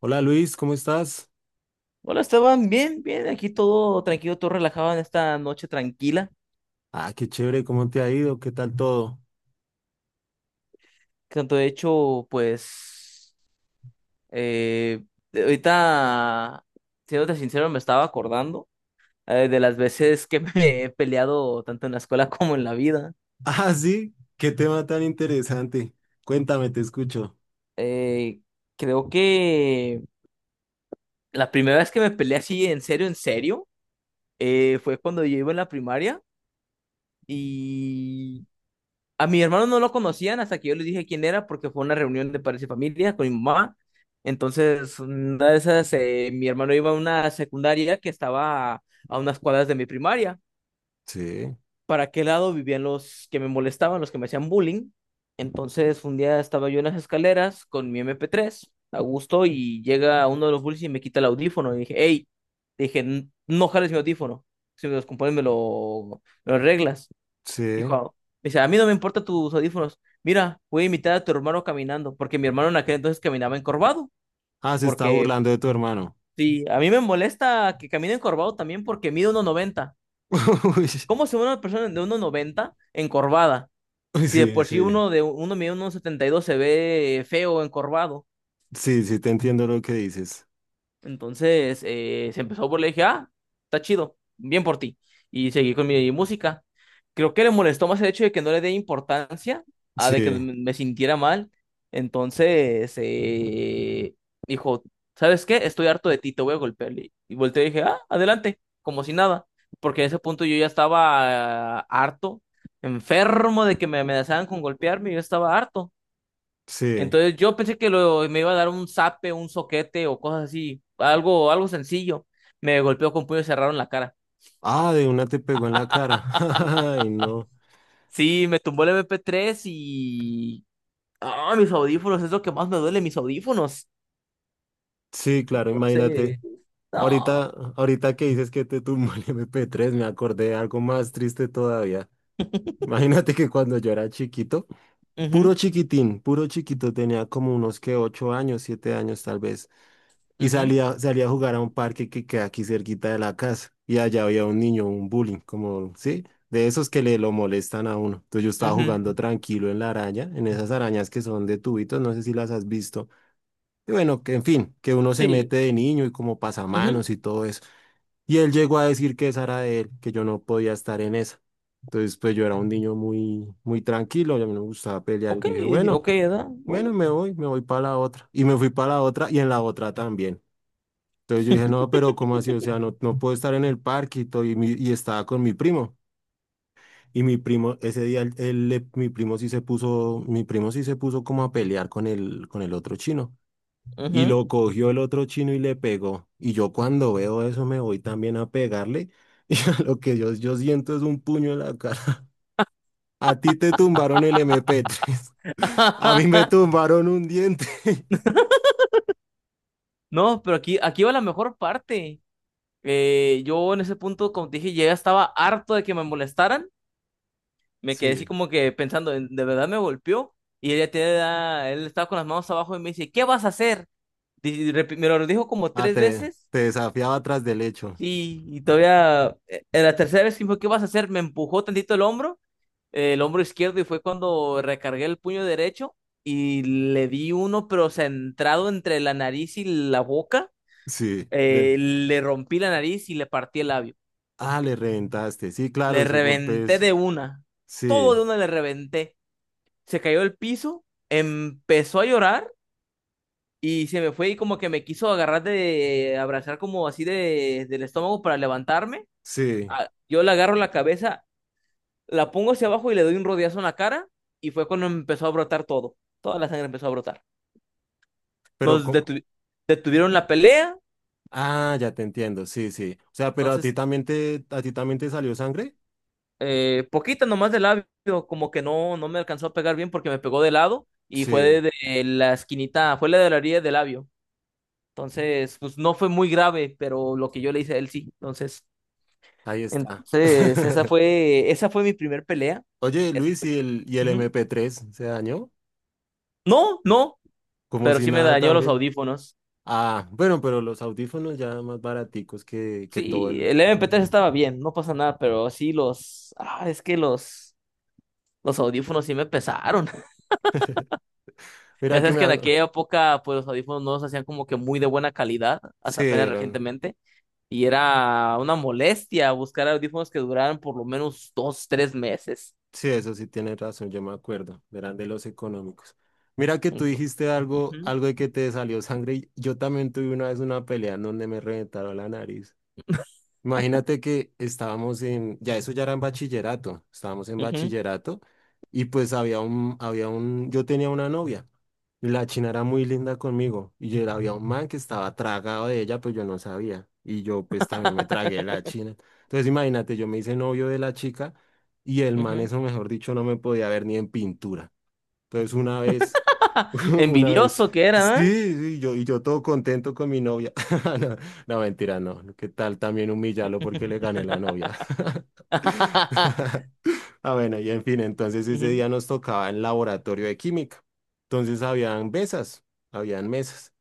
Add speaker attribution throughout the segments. Speaker 1: Hola Luis, ¿cómo estás?
Speaker 2: Hola Esteban, bien, bien, aquí todo tranquilo, todo relajado en esta noche tranquila.
Speaker 1: Ah, qué chévere, ¿cómo te ha ido? ¿Qué tal todo?
Speaker 2: Tanto de hecho, pues, eh, ahorita, siéndote sincero, me estaba acordando de las veces que me he peleado tanto en la escuela como en la vida.
Speaker 1: Ah, sí, qué tema tan interesante. Cuéntame, te escucho.
Speaker 2: Eh, Creo que la primera vez que me peleé así, en serio, fue cuando yo iba en la primaria. A mi hermano no lo conocían hasta que yo les dije quién era, porque fue una reunión de padres y familia con mi mamá. Entonces, una de esas, mi hermano iba a una secundaria que estaba a unas cuadras de mi primaria.
Speaker 1: Sí,
Speaker 2: Para qué lado vivían los que me molestaban, los que me hacían bullying. Entonces, un día estaba yo en las escaleras con mi MP3 a gusto, y llega uno de los bullies y me quita el audífono. Y dije, hey, "No jales mi audífono. Si me los compones, me lo arreglas.
Speaker 1: sí.
Speaker 2: Dijo, Dice, a mí no me importa tus audífonos. Mira, voy a imitar a tu hermano caminando, porque mi hermano en aquel entonces caminaba encorvado,
Speaker 1: Ah, se está
Speaker 2: porque
Speaker 1: burlando de tu hermano.
Speaker 2: sí, a mí me molesta que camine encorvado también porque mide uno noventa.
Speaker 1: Uy,
Speaker 2: ¿Cómo se ve una persona de uno noventa encorvada?
Speaker 1: uy,
Speaker 2: Si de
Speaker 1: sí,
Speaker 2: por sí
Speaker 1: sí.
Speaker 2: uno de uno mide uno setenta y dos se ve feo encorvado.
Speaker 1: Sí, sí, te entiendo lo que dices.
Speaker 2: Entonces se empezó por le dije, ah, está chido, bien por ti. Y seguí con mi música. Creo que le molestó más el hecho de que no le dé importancia a de que me
Speaker 1: Sí,
Speaker 2: me sintiera mal. Entonces dijo, ¿sabes qué? Estoy harto de ti, te voy a golpear. Y volteé y dije, ah, adelante, como si nada. Porque en ese punto yo ya estaba harto, enfermo de que me amenazaran con golpearme, yo estaba harto.
Speaker 1: sí.
Speaker 2: Entonces yo pensé que me iba a dar un zape, un soquete o cosas así, algo sencillo. Me golpeó con puño cerrado en la cara.
Speaker 1: Ah, de una te pegó en la cara. Ay, no.
Speaker 2: Sí, me tumbó el MP3 y... Ah, mis audífonos, es lo que más me duele, mis audífonos.
Speaker 1: Sí, claro, imagínate.
Speaker 2: Entonces, no.
Speaker 1: Ahorita, ahorita que dices que te tumbó el MP3, me acordé de algo más triste todavía. Imagínate que cuando yo era chiquito, puro
Speaker 2: Ujú,
Speaker 1: chiquitín, puro chiquito, tenía como unos que 8 años, 7 años tal vez, y
Speaker 2: ujú,
Speaker 1: salía, salía a jugar a un parque que queda aquí cerquita de la casa, y allá había un niño, un bullying, como, sí, de esos que le lo molestan a uno. Entonces yo estaba
Speaker 2: ujú.
Speaker 1: jugando tranquilo en la araña, en esas arañas que son de tubitos, no sé si las has visto. Y bueno, que en fin, que uno se
Speaker 2: Sí,
Speaker 1: mete de niño y como
Speaker 2: ujú.
Speaker 1: pasamanos y todo eso. Y él llegó a decir que esa era de él, que yo no podía estar en esa. Entonces, pues yo era un niño muy, muy tranquilo, y a mí no me gustaba pelear. Yo
Speaker 2: Ok,
Speaker 1: dije, bueno.
Speaker 2: ok, ¿verdad?
Speaker 1: Bueno,
Speaker 2: Bueno.
Speaker 1: me voy para la otra. Y me fui para la otra y en la otra también. Entonces yo dije, no, pero ¿cómo así? O sea, no, no puedo estar en el parque y, todo, y, y estaba con mi primo. Y mi primo, ese día, mi primo sí se puso, como a pelear con el otro chino. Y
Speaker 2: Ujú.
Speaker 1: lo cogió el otro chino y le pegó. Y yo cuando veo eso me voy también a pegarle. Y a lo que yo, siento es un puño en la cara. A ti te tumbaron el MP3. A mí me tumbaron un diente.
Speaker 2: No, pero aquí va la mejor parte. Yo en ese punto, como te dije, ya estaba harto de que me molestaran. Me quedé así
Speaker 1: Sí.
Speaker 2: como que pensando, ¿de verdad me golpeó? Él estaba con las manos abajo y me dice, ¿qué vas a hacer? Me lo dijo como
Speaker 1: Ah,
Speaker 2: tres
Speaker 1: te,
Speaker 2: veces,
Speaker 1: te desafiaba atrás del hecho.
Speaker 2: y todavía, en la tercera vez que me dijo, ¿qué vas a hacer? Me empujó tantito el hombro izquierdo y fue cuando recargué el puño derecho y le di uno, pero centrado entre la nariz y la boca,
Speaker 1: Sí.
Speaker 2: le rompí la nariz y le partí el labio.
Speaker 1: Le reventaste. Sí, claro,
Speaker 2: Le
Speaker 1: ese golpe
Speaker 2: reventé
Speaker 1: es.
Speaker 2: de una, todo de
Speaker 1: Sí,
Speaker 2: una le reventé. Se cayó al piso, empezó a llorar y se me fue y como que me quiso agarrar de abrazar como así del estómago para levantarme.
Speaker 1: sí.
Speaker 2: Ah, yo le agarro la cabeza, la pongo hacia abajo y le doy un rodeazo en la cara y fue cuando empezó a brotar todo. Toda la sangre empezó a brotar.
Speaker 1: Pero
Speaker 2: Nos
Speaker 1: como.
Speaker 2: detuvieron la pelea,
Speaker 1: Ah, ya te entiendo. Sí, sí. O sea, pero
Speaker 2: entonces
Speaker 1: a ti también te salió sangre.
Speaker 2: poquita nomás de labio, como que no me alcanzó a pegar bien porque me pegó de lado y fue
Speaker 1: Sí,
Speaker 2: de la esquinita, fue la de la orilla del labio. Entonces, pues no fue muy grave, pero lo que yo le hice a él sí. Entonces,
Speaker 1: ahí está.
Speaker 2: entonces esa fue, esa fue mi primer pelea.
Speaker 1: Oye,
Speaker 2: Esa
Speaker 1: Luis,
Speaker 2: fue-
Speaker 1: ¿y el
Speaker 2: Ujú.
Speaker 1: MP3 se dañó?
Speaker 2: No, no,
Speaker 1: Como
Speaker 2: pero
Speaker 1: si
Speaker 2: sí me
Speaker 1: nada
Speaker 2: dañó los
Speaker 1: también.
Speaker 2: audífonos.
Speaker 1: Ah, bueno, pero los audífonos ya más baraticos que todo
Speaker 2: Sí,
Speaker 1: el.
Speaker 2: el MP3 estaba bien, no pasa nada, pero sí los, ah, es que los audífonos sí me pesaron. Ya
Speaker 1: Mira que
Speaker 2: sabes
Speaker 1: me.
Speaker 2: que en aquella época, pues los audífonos no se hacían como que muy de buena calidad, hasta
Speaker 1: Sí,
Speaker 2: apenas
Speaker 1: eran.
Speaker 2: recientemente, y era una molestia buscar audífonos que duraran por lo menos dos, tres meses.
Speaker 1: Sí, eso sí tienes razón, yo me acuerdo, eran de los económicos. Mira que tú dijiste algo,
Speaker 2: Ujú.
Speaker 1: algo de que te salió sangre. Y yo también tuve una vez una pelea en donde me reventaron la nariz. Imagínate que estábamos en, ya eso ya era en bachillerato, estábamos en
Speaker 2: Ujú,
Speaker 1: bachillerato y pues había un, yo tenía una novia y la china era muy linda conmigo y yo, había un man que estaba tragado de ella, pues yo no sabía y yo pues también me tragué de la china. Entonces imagínate, yo me hice novio de la chica y el man
Speaker 2: ujú.
Speaker 1: eso mejor dicho no me podía ver ni en pintura. Entonces una vez, una vez,
Speaker 2: Envidioso que era,
Speaker 1: sí,
Speaker 2: ¿eh?
Speaker 1: sí, yo, y yo todo contento con mi novia. No, no, mentira, no. No, ¿qué tal también humillarlo porque le gané la novia? Ah, bueno, y en fin, entonces ese
Speaker 2: Ujú,
Speaker 1: día nos tocaba en laboratorio de química. Entonces habían mesas, habían mesas.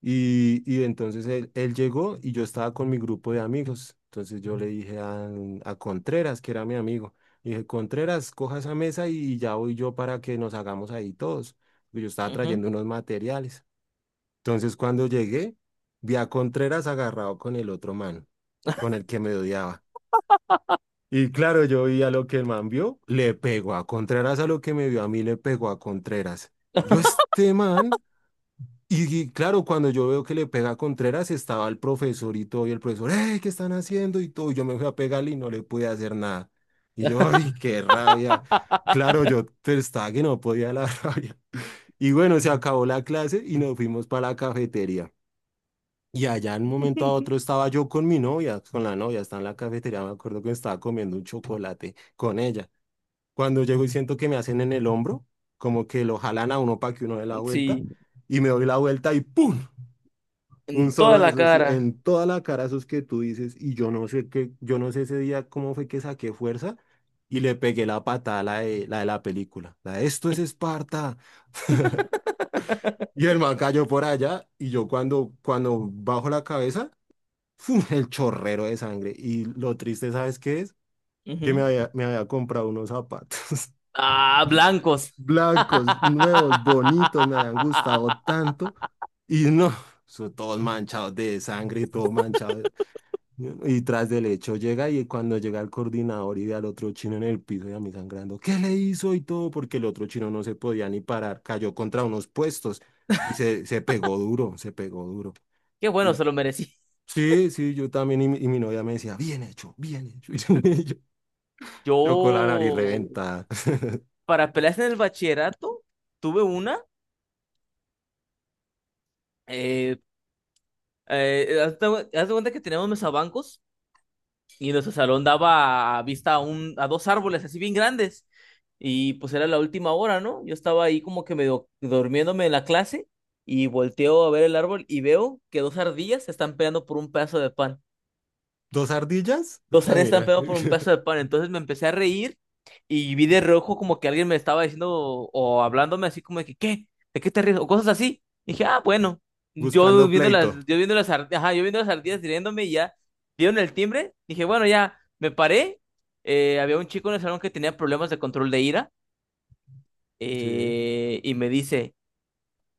Speaker 1: Y entonces él llegó y yo estaba con mi grupo de amigos. Entonces yo le dije a Contreras, que era mi amigo, le dije, Contreras, coja esa mesa y ya voy yo para que nos hagamos ahí todos, porque yo estaba
Speaker 2: ujú.
Speaker 1: trayendo unos materiales. Entonces cuando llegué, vi a Contreras agarrado con el otro man, con el que me odiaba. Y claro, yo vi a lo que el man vio, le pegó a Contreras, a lo que me vio a mí, le pegó a Contreras. Yo, este man. Y claro, cuando yo veo que le pega a Contreras, estaba el profesor y todo, y el profesor, ¡ey! ¿Qué están haciendo? Y todo, y yo me fui a pegarle y no le pude hacer nada. Y yo, ¡ay, qué rabia! Claro, yo estaba que no podía la rabia. Y bueno, se acabó la clase y nos fuimos para la cafetería. Y allá en un momento a otro estaba yo con mi novia, con la novia, estaba en la cafetería, me acuerdo que estaba comiendo un chocolate con ella. Cuando llego y siento que me hacen en el hombro, como que lo jalan a uno para que uno dé la vuelta,
Speaker 2: Sí,
Speaker 1: y me doy la vuelta y ¡pum! Un
Speaker 2: en toda
Speaker 1: solo de
Speaker 2: la
Speaker 1: esos, sí,
Speaker 2: cara.
Speaker 1: en toda la cara esos que tú dices, y yo no sé qué, yo no sé ese día cómo fue que saqué fuerza y le pegué la patada a la de la, de la película. La de, esto es Esparta. Y el man cayó por allá, y yo cuando, bajo la cabeza, ¡fum! El chorrero de sangre. Y lo triste, ¿sabes qué es? Que
Speaker 2: Ujú.
Speaker 1: me había comprado unos zapatos
Speaker 2: Ah, blancos.
Speaker 1: blancos, nuevos, bonitos, me habían gustado tanto, y no, son todos manchados de sangre y todo manchado. Y tras del hecho llega y cuando llega el coordinador y ve al otro chino en el piso y a mí sangrando, ¿qué le hizo? Y todo, porque el otro chino no se podía ni parar, cayó contra unos puestos y se pegó duro, se pegó duro.
Speaker 2: Qué bueno,
Speaker 1: Y
Speaker 2: se lo merecí.
Speaker 1: sí, sí, yo también y, mi novia me decía, bien hecho, bien hecho. Y yo, yo con la nariz
Speaker 2: Yo,
Speaker 1: reventada.
Speaker 2: para peleas en el bachillerato, tuve una. Eh, haz de cuenta que teníamos mesabancos y nuestro salón daba a vista a dos árboles así bien grandes. Y pues era la última hora, ¿no? Yo estaba ahí como que medio durmiéndome en la clase y volteo a ver el árbol y veo que dos ardillas se están peleando por un pedazo de pan.
Speaker 1: ¿Dos ardillas?
Speaker 2: Dos
Speaker 1: Ah,
Speaker 2: áreas están
Speaker 1: mira,
Speaker 2: pegados por un pedazo de pan. Entonces me empecé a reír y vi de rojo como que alguien me estaba diciendo o hablándome así como de que, ¿qué? ¿De qué te ríes? O cosas así. Y dije, ah, bueno.
Speaker 1: buscando pleito.
Speaker 2: Yo viendo las ardillas riéndome y ya dieron el timbre. Dije, bueno, ya me paré. Había un chico en el salón que tenía problemas de control de ira,
Speaker 1: Sí.
Speaker 2: y me dice,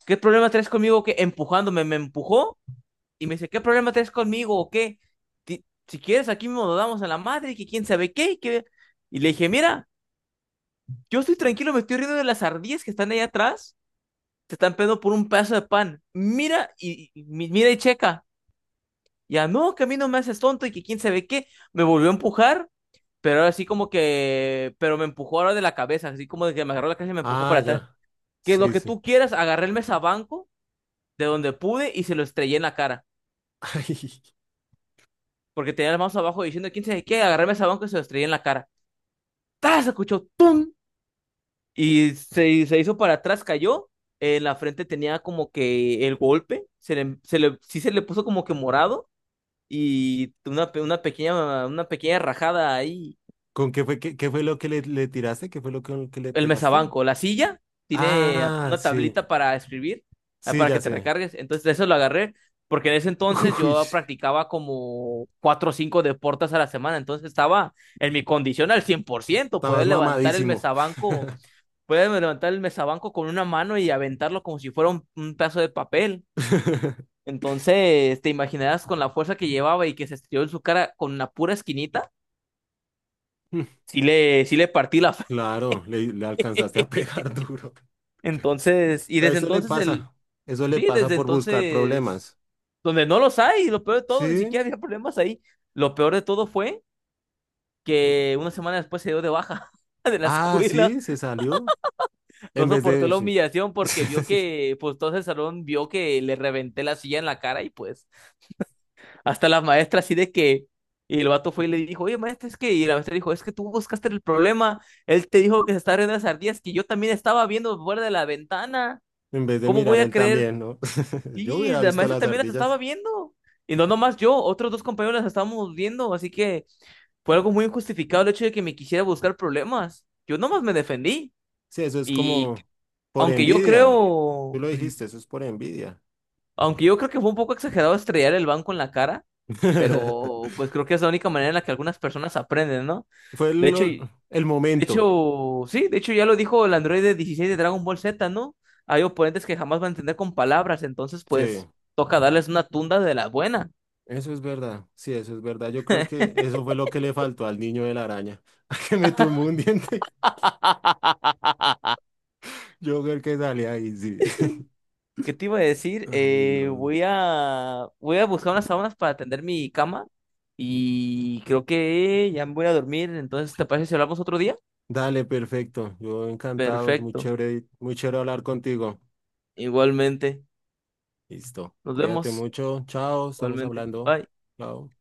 Speaker 2: ¿qué problema traes conmigo? Que empujándome, me empujó y me dice, ¿qué problema tenés conmigo o qué? Si quieres, aquí mismo nos damos a la madre, que quién sabe qué, y que... Y le dije, mira, yo estoy tranquilo, me estoy riendo de las ardillas que están ahí atrás, te están pegando por un pedazo de pan. Mira mira y checa. Ya, no, que a mí no me haces tonto y que quién sabe qué. Me volvió a empujar, pero ahora sí como que... Pero me empujó ahora de la cabeza, así como de que me agarró la cabeza y me empujó
Speaker 1: Ah,
Speaker 2: para atrás.
Speaker 1: ya.
Speaker 2: Que lo
Speaker 1: Sí,
Speaker 2: que
Speaker 1: sí.
Speaker 2: tú quieras, agarré el mesabanco de donde pude y se lo estrellé en la cara,
Speaker 1: Ay,
Speaker 2: porque tenía las manos abajo diciendo quién sabe qué, agarrarme el banco y se lo estrellé en la cara. ¡Tas! Escuchó ¡tum! Y se hizo para atrás, cayó. En la frente tenía como que el golpe, sí se le puso como que morado, y una pequeña rajada ahí.
Speaker 1: ¿con qué fue, qué fue lo que le tiraste? ¿Qué fue lo que le
Speaker 2: El
Speaker 1: pegaste?
Speaker 2: mesabanco, la silla tiene
Speaker 1: Ah,
Speaker 2: una
Speaker 1: sí,
Speaker 2: tablita para escribir, ah,
Speaker 1: sí,
Speaker 2: para
Speaker 1: ya
Speaker 2: que te
Speaker 1: sé.
Speaker 2: recargues. Entonces, de eso lo agarré, porque en ese entonces
Speaker 1: Uy,
Speaker 2: yo
Speaker 1: sí,
Speaker 2: practicaba como cuatro o cinco deportes a la semana. Entonces, estaba en mi condición al 100%. Podía
Speaker 1: estabas
Speaker 2: levantar el
Speaker 1: mamadísimo.
Speaker 2: mesabanco, podía levantar el mesabanco con una mano y aventarlo como si fuera un pedazo de papel. Entonces, te imaginarás con la fuerza que llevaba y que se estiró en su cara con una pura esquinita. Sí le partí la.
Speaker 1: Claro, le alcanzaste a pegar duro.
Speaker 2: Entonces, y desde
Speaker 1: Eso le
Speaker 2: entonces el,
Speaker 1: pasa, eso le
Speaker 2: Sí,
Speaker 1: pasa
Speaker 2: desde
Speaker 1: por buscar
Speaker 2: entonces,
Speaker 1: problemas.
Speaker 2: donde no los hay, y lo peor de todo, ni
Speaker 1: Sí,
Speaker 2: siquiera había problemas ahí. Lo peor de todo fue que una semana después se dio de baja de la
Speaker 1: ah,
Speaker 2: escuela,
Speaker 1: sí, se salió.
Speaker 2: no
Speaker 1: En vez
Speaker 2: soportó
Speaker 1: de,
Speaker 2: la
Speaker 1: sí.
Speaker 2: humillación porque vio que, pues todo el salón vio que le reventé la silla en la cara y pues hasta la maestra así de que, y el vato fue y le dijo, oye maestra, es que, y la maestra dijo, es que tú buscaste el problema, él te dijo que se estaba riendo de las ardillas, que yo también estaba viendo fuera de la ventana,
Speaker 1: En vez de
Speaker 2: ¿cómo voy
Speaker 1: mirar
Speaker 2: a
Speaker 1: él
Speaker 2: creer?
Speaker 1: también, ¿no? Yo
Speaker 2: Y
Speaker 1: hubiera
Speaker 2: la
Speaker 1: visto
Speaker 2: maestra
Speaker 1: las
Speaker 2: también las estaba
Speaker 1: ardillas.
Speaker 2: viendo. Y no nomás yo, otros dos compañeros las estábamos viendo. Así que fue algo muy injustificado el hecho de que me quisiera buscar problemas. Yo nomás me defendí.
Speaker 1: Sí, eso es
Speaker 2: Y
Speaker 1: como por
Speaker 2: aunque yo
Speaker 1: envidia. Tú
Speaker 2: creo,
Speaker 1: lo dijiste, eso es por envidia.
Speaker 2: aunque yo creo que fue un poco exagerado estrellar el banco en la cara, pero pues creo que es la única manera en la que algunas personas aprenden, ¿no?
Speaker 1: Fue
Speaker 2: De hecho, y-
Speaker 1: el
Speaker 2: de
Speaker 1: momento.
Speaker 2: hecho, sí, de hecho ya lo dijo el androide 16 de Dragon Ball Z, ¿no? Hay oponentes que jamás van a entender con palabras, entonces
Speaker 1: Sí.
Speaker 2: pues toca darles una tunda de la buena.
Speaker 1: Eso es verdad, sí, eso es verdad. Yo creo que eso fue lo que le faltó al niño de la araña, que me tumbó un diente. Yo creo que sale ahí, sí.
Speaker 2: ¿Qué te iba a decir?
Speaker 1: Ay,
Speaker 2: Eh,
Speaker 1: no.
Speaker 2: voy a, voy a buscar unas sábanas para atender mi cama y creo que ya me voy a dormir. Entonces, ¿te parece si hablamos otro día?
Speaker 1: Dale, perfecto. Yo encantado, es
Speaker 2: Perfecto.
Speaker 1: muy chévere hablar contigo.
Speaker 2: Igualmente.
Speaker 1: Listo.
Speaker 2: Nos
Speaker 1: Cuídate
Speaker 2: vemos.
Speaker 1: mucho. Chao, estamos
Speaker 2: Igualmente.
Speaker 1: hablando.
Speaker 2: Bye.
Speaker 1: Chao.